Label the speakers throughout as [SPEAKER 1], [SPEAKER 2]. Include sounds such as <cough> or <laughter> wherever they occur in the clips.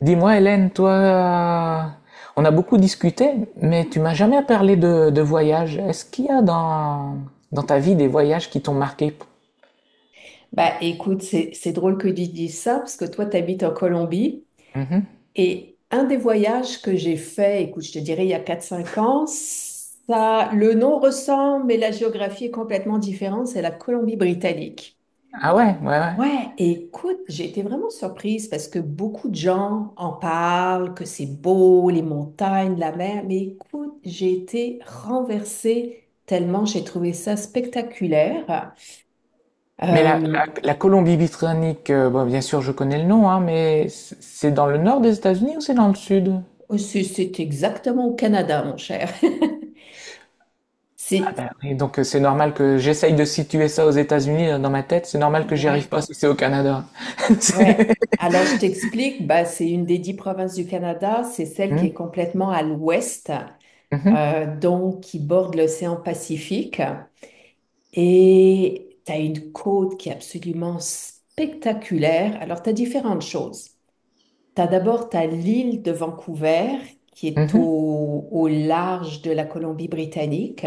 [SPEAKER 1] Dis-moi, Hélène, toi, on a beaucoup discuté, mais tu m'as jamais parlé de voyage. Est-ce qu'il y a dans ta vie des voyages qui t'ont marqué?
[SPEAKER 2] Bah écoute, c'est drôle que tu dises ça parce que toi, tu habites en Colombie,
[SPEAKER 1] Mhm.
[SPEAKER 2] et un des voyages que j'ai fait, écoute, je te dirais il y a quatre cinq ans, ça, le nom ressemble, mais la géographie est complètement différente, c'est la Colombie-Britannique.
[SPEAKER 1] Ah ouais, ouais, ouais.
[SPEAKER 2] Ouais, écoute, j'ai été vraiment surprise parce que beaucoup de gens en parlent, que c'est beau, les montagnes, la mer, mais écoute, j'ai été renversée tellement j'ai trouvé ça spectaculaire.
[SPEAKER 1] Mais
[SPEAKER 2] Euh,
[SPEAKER 1] la Colombie-Britannique, bon, bien sûr, je connais le nom, hein, mais c'est dans le nord des États-Unis ou c'est dans le sud?
[SPEAKER 2] Oh, c'est exactement au Canada, mon cher. <laughs>
[SPEAKER 1] Ah
[SPEAKER 2] C'est,
[SPEAKER 1] ben oui, donc c'est normal que j'essaye de situer ça aux États-Unis dans ma tête. C'est normal que j'y arrive
[SPEAKER 2] ouais,
[SPEAKER 1] pas si c'est au Canada. <laughs>
[SPEAKER 2] ouais.
[SPEAKER 1] C'est-
[SPEAKER 2] Alors, je t'explique, bah, c'est une des 10 provinces du Canada, c'est celle qui
[SPEAKER 1] Mhm,
[SPEAKER 2] est complètement à l'ouest,
[SPEAKER 1] mhm,
[SPEAKER 2] donc qui borde l'océan Pacifique. Et tu as une côte qui est absolument spectaculaire. Alors, tu as différentes choses. Tu as d'abord t'as l'île de Vancouver, qui est au,
[SPEAKER 1] mhm,
[SPEAKER 2] au large de la Colombie-Britannique,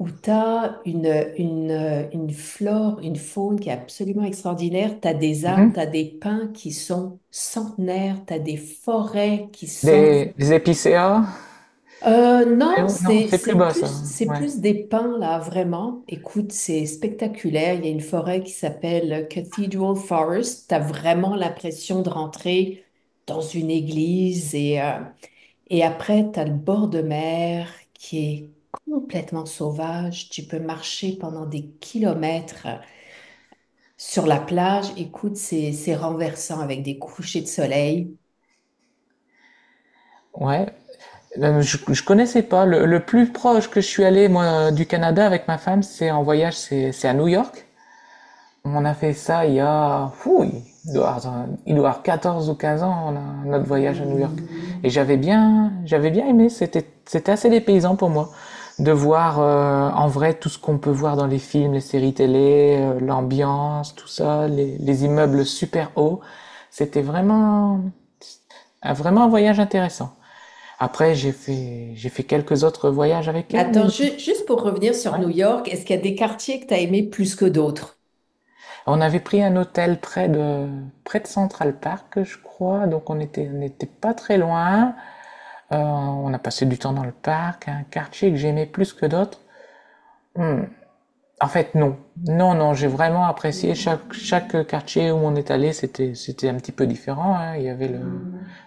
[SPEAKER 2] où tu as une, une flore, une faune qui est absolument extraordinaire. Tu as des arbres, tu as
[SPEAKER 1] mhm.
[SPEAKER 2] des pins qui sont centenaires, tu as des forêts qui sont...
[SPEAKER 1] Des épicéas? Eh
[SPEAKER 2] Non,
[SPEAKER 1] oui, non,
[SPEAKER 2] c'est,
[SPEAKER 1] c'est plus bas ça.
[SPEAKER 2] c'est
[SPEAKER 1] Ouais.
[SPEAKER 2] plus des pins, là, vraiment. Écoute, c'est spectaculaire. Il y a une forêt qui s'appelle Cathedral Forest. Tu as vraiment l'impression de rentrer dans une église et... Et après, tu as le bord de mer qui est complètement sauvage. Tu peux marcher pendant des kilomètres sur la plage. Écoute, c'est renversant avec des couchers de soleil.
[SPEAKER 1] Ouais. Je connaissais pas. Le plus proche que je suis allé, moi, du Canada avec ma femme, c'est en voyage, c'est à New York. On a fait ça il y a, fou, il doit avoir 14 ou 15 ans, notre voyage à New York. Et j'avais bien aimé. C'était assez dépaysant pour moi de voir en vrai tout ce qu'on peut voir dans les films, les séries télé, l'ambiance, tout ça, les immeubles super hauts. C'était vraiment, Ah, vraiment un voyage intéressant. Après, j'ai fait quelques autres voyages avec
[SPEAKER 2] Mais
[SPEAKER 1] elle, mais
[SPEAKER 2] attends, juste pour revenir sur
[SPEAKER 1] ouais.
[SPEAKER 2] New York, est-ce qu'il y a des quartiers que tu as aimés plus que d'autres?
[SPEAKER 1] On avait pris un hôtel près de Central Park, je crois, donc on n'était pas très loin. On a passé du temps dans le parc, un quartier que j'aimais plus que d'autres. Hmm. En fait, non. Non, non, j'ai vraiment apprécié chaque quartier où on est allé, c'était un petit peu différent, hein. Il y avait le,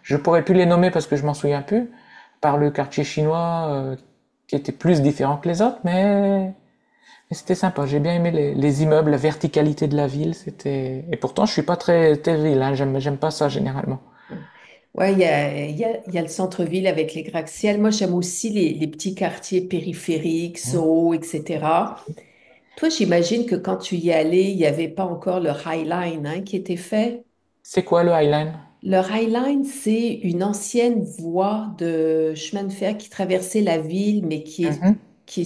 [SPEAKER 1] je pourrais plus les nommer parce que je m'en souviens plus, par le quartier chinois, qui était plus différent que les autres, mais c'était sympa. J'ai bien aimé les immeubles, la verticalité de la ville, c'était, et pourtant, je suis pas très ville, hein. J'aime pas ça généralement.
[SPEAKER 2] Ouais, il y a le centre-ville avec les gratte-ciels. Moi, j'aime aussi les petits quartiers périphériques, Soho, etc. Toi, j'imagine que quand tu y allais, il n'y avait pas encore le High Line, hein, qui était fait.
[SPEAKER 1] C'est quoi le Highline?
[SPEAKER 2] Le High Line, c'est une ancienne voie de chemin de fer qui traversait la ville, mais
[SPEAKER 1] Mhm.
[SPEAKER 2] qui est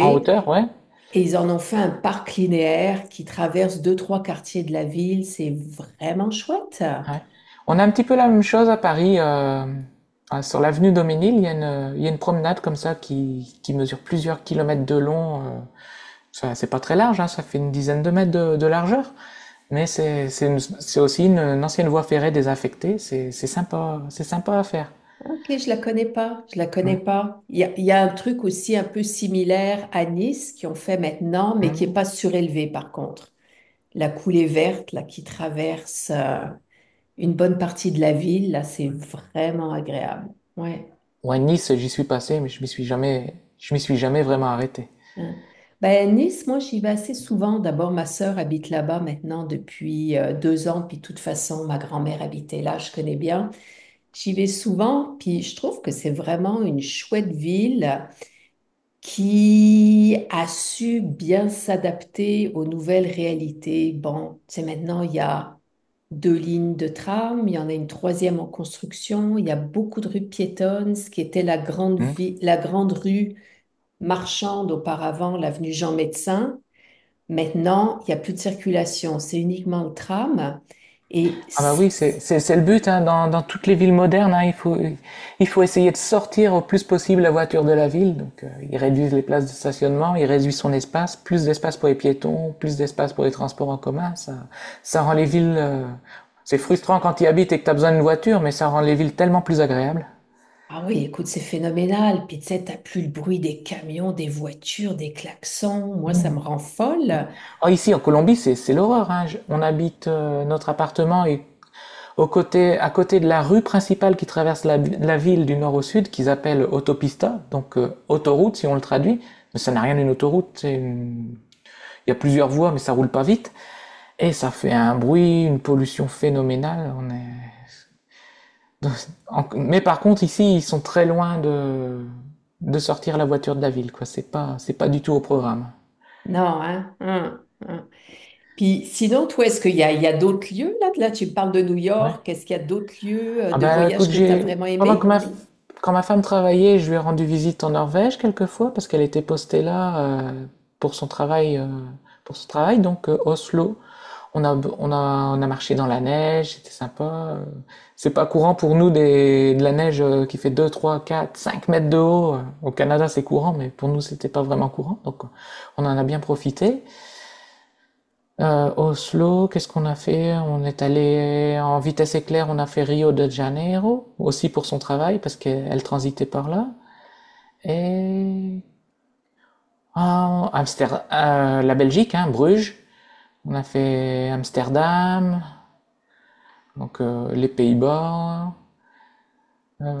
[SPEAKER 1] En hauteur, ouais.
[SPEAKER 2] Et ils en ont fait un parc linéaire qui traverse deux, trois quartiers de la ville. C'est vraiment chouette.
[SPEAKER 1] Ouais. On a un petit peu la même chose à Paris. Sur l'avenue Daumesnil, il y a une, il y a une promenade comme ça qui mesure plusieurs kilomètres de long. Ça, c'est pas très large, hein, ça fait une dizaine de mètres de largeur. Mais c'est aussi une ancienne voie ferrée désaffectée. C'est sympa, c'est sympa à faire.
[SPEAKER 2] Ok, je la connais pas. Je la connais
[SPEAKER 1] Ouais.
[SPEAKER 2] pas. Il y a un truc aussi un peu similaire à Nice qui ont fait maintenant, mais qui est
[SPEAKER 1] Mm.
[SPEAKER 2] pas surélevé par contre. La coulée verte, là, qui traverse une bonne partie de la ville, là, c'est vraiment agréable. Ouais.
[SPEAKER 1] Ouais, Nice, j'y suis passé, mais je m'y suis jamais vraiment arrêté.
[SPEAKER 2] Hein. Ben, Nice, moi, j'y vais assez souvent. D'abord, ma sœur habite là-bas maintenant depuis 2 ans, puis de toute façon, ma grand-mère habitait là, je connais bien. J'y vais souvent, puis je trouve que c'est vraiment une chouette ville qui a su bien s'adapter aux nouvelles réalités. Bon, c'est maintenant, il y a 2 lignes de tram, il y en a une troisième en construction, il y a beaucoup de rues piétonnes, ce qui était la grande
[SPEAKER 1] Mm.
[SPEAKER 2] vie, la grande rue marchande auparavant, l'avenue Jean-Médecin. Maintenant, il n'y a plus de circulation, c'est uniquement le tram. Et
[SPEAKER 1] Ah bah
[SPEAKER 2] c-
[SPEAKER 1] oui, c'est le but, hein, dans toutes les villes modernes, hein, il faut essayer de sortir au plus possible la voiture de la ville. Donc ils réduisent les places de stationnement, ils réduisent son espace, plus d'espace pour les piétons, plus d'espace pour les transports en commun. Ça rend les villes... c'est frustrant quand tu y habites et que tu as besoin d'une voiture, mais ça rend les villes tellement plus agréables.
[SPEAKER 2] ah oui, écoute, c'est phénoménal. Puis tu sais, t'as plus le bruit des camions, des voitures, des klaxons. Moi, ça me rend folle.
[SPEAKER 1] Oh, ici, en Colombie, c'est l'horreur. Hein. On habite notre appartement et au côté, à côté de la rue principale qui traverse la ville du nord au sud, qu'ils appellent autopista, donc autoroute si on le traduit, mais ça n'a rien d'une autoroute, il y a plusieurs voies mais ça roule pas vite, et ça fait un bruit, une pollution phénoménale. On est... Mais par contre ici ils sont très loin de sortir la voiture de la ville, quoi. C'est pas du tout au programme.
[SPEAKER 2] Non, hein? Hein, hein. Puis sinon, toi, est-ce qu'il y a, il y a d'autres lieux là? Là, tu me parles de New
[SPEAKER 1] Ouais.
[SPEAKER 2] York. Est-ce qu'il y a d'autres lieux
[SPEAKER 1] Ah
[SPEAKER 2] de
[SPEAKER 1] bah
[SPEAKER 2] voyage
[SPEAKER 1] écoute,
[SPEAKER 2] que tu as
[SPEAKER 1] j'ai
[SPEAKER 2] vraiment
[SPEAKER 1] pendant que
[SPEAKER 2] aimé?
[SPEAKER 1] ma quand ma femme travaillait, je lui ai rendu visite en Norvège quelquefois parce qu'elle était postée là euh, pour son travail euh, pour son travail donc Oslo. On a on a on a marché dans la neige, c'était sympa. C'est pas courant pour nous des de la neige qui fait 2, 3, 4, 5 mètres de haut. Au Canada, c'est courant mais pour nous, c'était pas vraiment courant. Donc on en a bien profité. Oslo, qu'est-ce qu'on a fait? On est allé en vitesse éclair, on a fait Rio de Janeiro, aussi pour son travail, parce qu'elle transitait par là. Et ah, Amsterdam, la Belgique, hein, Bruges. On a fait Amsterdam, donc les Pays-Bas.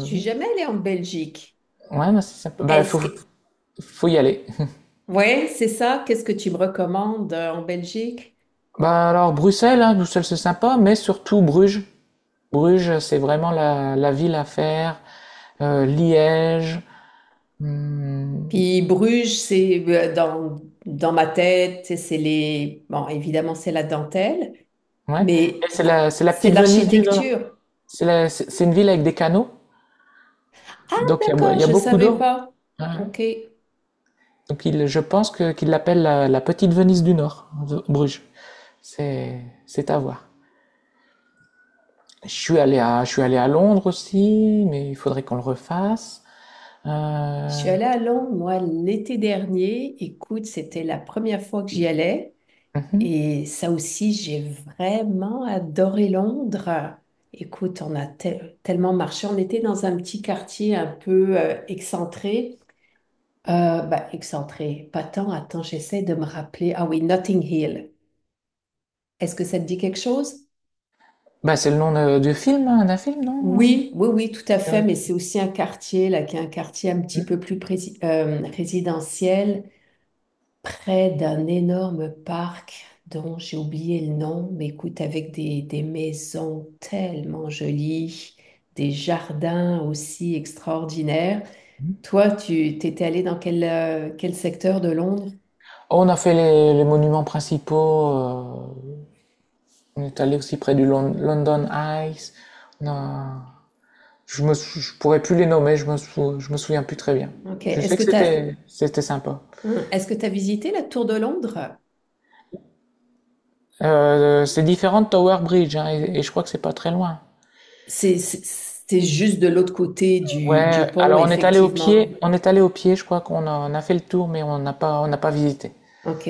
[SPEAKER 2] Je suis jamais allée en Belgique.
[SPEAKER 1] ouais, bah, c'est sympa.
[SPEAKER 2] Est-ce que...
[SPEAKER 1] Faut y aller. <laughs>
[SPEAKER 2] Ouais, c'est ça. Qu'est-ce que tu me recommandes en Belgique?
[SPEAKER 1] Bah, alors Bruxelles, hein, Bruxelles c'est sympa, mais surtout Bruges. Bruges, c'est vraiment la ville à faire. Liège. Hmm,
[SPEAKER 2] Puis Bruges, c'est dans ma tête, c'est les... Bon, évidemment, c'est la dentelle,
[SPEAKER 1] ouais. Et
[SPEAKER 2] mais
[SPEAKER 1] c'est
[SPEAKER 2] ah,
[SPEAKER 1] c'est la
[SPEAKER 2] c'est
[SPEAKER 1] petite Venise du Nord.
[SPEAKER 2] l'architecture.
[SPEAKER 1] C'est la- c'est une ville avec des canaux,
[SPEAKER 2] Ah,
[SPEAKER 1] donc il
[SPEAKER 2] d'accord,
[SPEAKER 1] y a
[SPEAKER 2] je ne
[SPEAKER 1] beaucoup
[SPEAKER 2] savais
[SPEAKER 1] d'eau.
[SPEAKER 2] pas.
[SPEAKER 1] Ouais.
[SPEAKER 2] Ok.
[SPEAKER 1] Donc il, je pense que qu'ils l'appellent la petite Venise du Nord, Bruges. C'est à voir. Je suis allé à Londres aussi, mais il faudrait qu'on le refasse.
[SPEAKER 2] Je suis
[SPEAKER 1] Euh,
[SPEAKER 2] allée à Londres, moi, l'été dernier. Écoute, c'était la première fois que j'y allais.
[SPEAKER 1] mhm.
[SPEAKER 2] Et ça aussi, j'ai vraiment adoré Londres. Écoute, on a tellement marché. On était dans un petit quartier un peu excentré. Bah, excentré, pas tant. Attends, j'essaie de me rappeler. Ah oui, Notting Hill. Est-ce que ça te dit quelque chose?
[SPEAKER 1] Bah, c'est le nom de- du film, hein, d'un film, non?
[SPEAKER 2] Oui, oui, oui, tout à fait,
[SPEAKER 1] Ouais.
[SPEAKER 2] mais c'est aussi un quartier, là, qui est un quartier un petit peu plus résidentiel, près d'un énorme parc dont j'ai oublié le nom, mais écoute, avec des maisons tellement jolies, des jardins aussi extraordinaires. Toi, tu t'étais allé dans quel, quel secteur de Londres?
[SPEAKER 1] On a fait les monuments principaux. On est allé aussi près du London Eye. On a- je pourrais plus les nommer, je me souviens plus très bien.
[SPEAKER 2] Ok.
[SPEAKER 1] Je
[SPEAKER 2] Est-ce
[SPEAKER 1] sais
[SPEAKER 2] que
[SPEAKER 1] que
[SPEAKER 2] tu as,
[SPEAKER 1] c'était sympa.
[SPEAKER 2] est-ce que tu as visité la Tour de Londres?
[SPEAKER 1] C'est différent de Tower Bridge hein, et je crois que c'est pas très loin.
[SPEAKER 2] C'est juste de l'autre côté du
[SPEAKER 1] Ouais,
[SPEAKER 2] pont,
[SPEAKER 1] alors
[SPEAKER 2] effectivement.
[SPEAKER 1] on est allé au pied, je crois on a fait le tour mais on n'a pas visité.
[SPEAKER 2] Ok.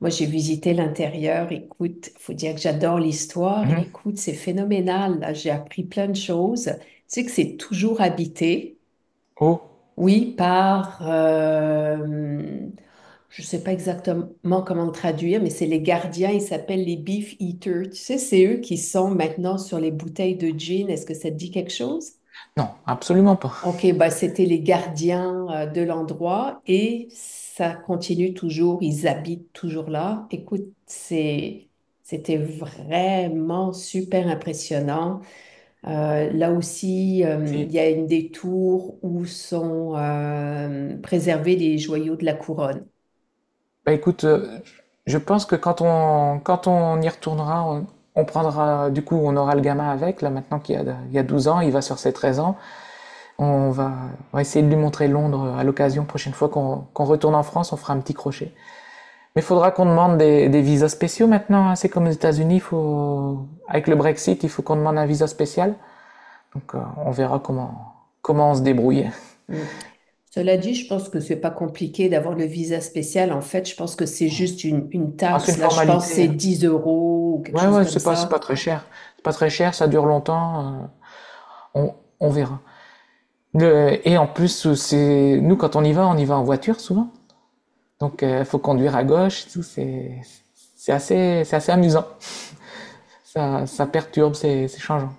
[SPEAKER 2] Moi, j'ai visité l'intérieur. Écoute, faut dire que j'adore l'histoire.
[SPEAKER 1] Mhm.
[SPEAKER 2] Écoute, c'est phénoménal. Là, j'ai appris plein de choses. Tu sais que c'est toujours habité,
[SPEAKER 1] Oh,
[SPEAKER 2] oui, par, je sais pas exactement comment le traduire, mais c'est les gardiens. Ils s'appellent les beef eaters. Tu sais, c'est eux qui sont maintenant sur les bouteilles de gin. Est-ce que ça te dit quelque chose?
[SPEAKER 1] non, absolument pas.
[SPEAKER 2] Ok, bah c'était les gardiens de l'endroit et ça continue toujours, ils habitent toujours là. Écoute, c'est, c'était vraiment super impressionnant. Là aussi, il
[SPEAKER 1] Si.
[SPEAKER 2] y a une des tours où sont préservés les joyaux de la couronne.
[SPEAKER 1] Bah écoute, je pense que quand on y retournera, on prendra du coup, on aura le gamin avec là maintenant qu'il y a il y a 12 ans, il va sur ses 13 ans. On va, on va essayer de lui montrer Londres à l'occasion. Prochaine fois qu'on retourne en France, on fera un petit crochet. Mais il faudra qu'on demande des visas spéciaux maintenant. Hein. C'est comme aux États-Unis, faut, avec le Brexit, il faut qu'on demande un visa spécial. Donc comment on se débrouille.
[SPEAKER 2] Mm. Cela dit, je pense que c'est pas compliqué d'avoir le visa spécial. En fait, je pense que c'est juste une
[SPEAKER 1] Ah, c'est
[SPEAKER 2] taxe.
[SPEAKER 1] une
[SPEAKER 2] Là, je pense que
[SPEAKER 1] formalité.
[SPEAKER 2] c'est
[SPEAKER 1] Hein.
[SPEAKER 2] 10 euros ou quelque chose comme
[SPEAKER 1] C'est pas
[SPEAKER 2] ça.
[SPEAKER 1] très cher. C'est pas très cher, ça dure longtemps. On, on verra. Et en plus, c'est, nous, quand on y va en voiture souvent. Donc il faut conduire à gauche et tout. C'est assez amusant. Ça perturbe, c'est changeant.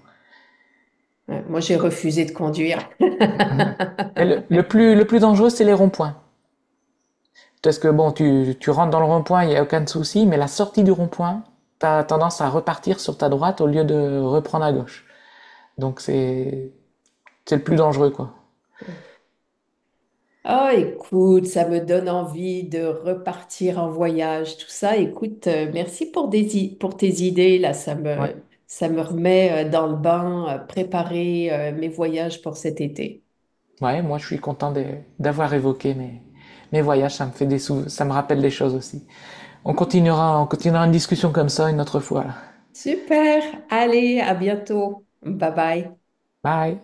[SPEAKER 2] Ouais, moi, j'ai refusé de conduire.
[SPEAKER 1] Et
[SPEAKER 2] <laughs> Ouais.
[SPEAKER 1] le plus dangereux, c'est les ronds-points. Parce que bon, tu rentres dans le rond-point, il n'y a aucun souci, mais la sortie du rond-point, tu as tendance à repartir sur ta droite au lieu de reprendre à gauche. Donc c'est c'est le plus dangereux, quoi.
[SPEAKER 2] Oh, écoute, ça me donne envie de repartir en voyage, tout ça. Écoute, merci pour, pour tes idées, là,
[SPEAKER 1] Ouais.
[SPEAKER 2] ça me remet dans le bain, préparer mes voyages pour cet été.
[SPEAKER 1] Ouais, moi je suis content d'avoir évoqué mes voyages, ça me fait ça me rappelle des choses aussi. On continuera une discussion comme ça une autre fois. Là.
[SPEAKER 2] Super, allez, à bientôt. Bye bye.
[SPEAKER 1] Bye!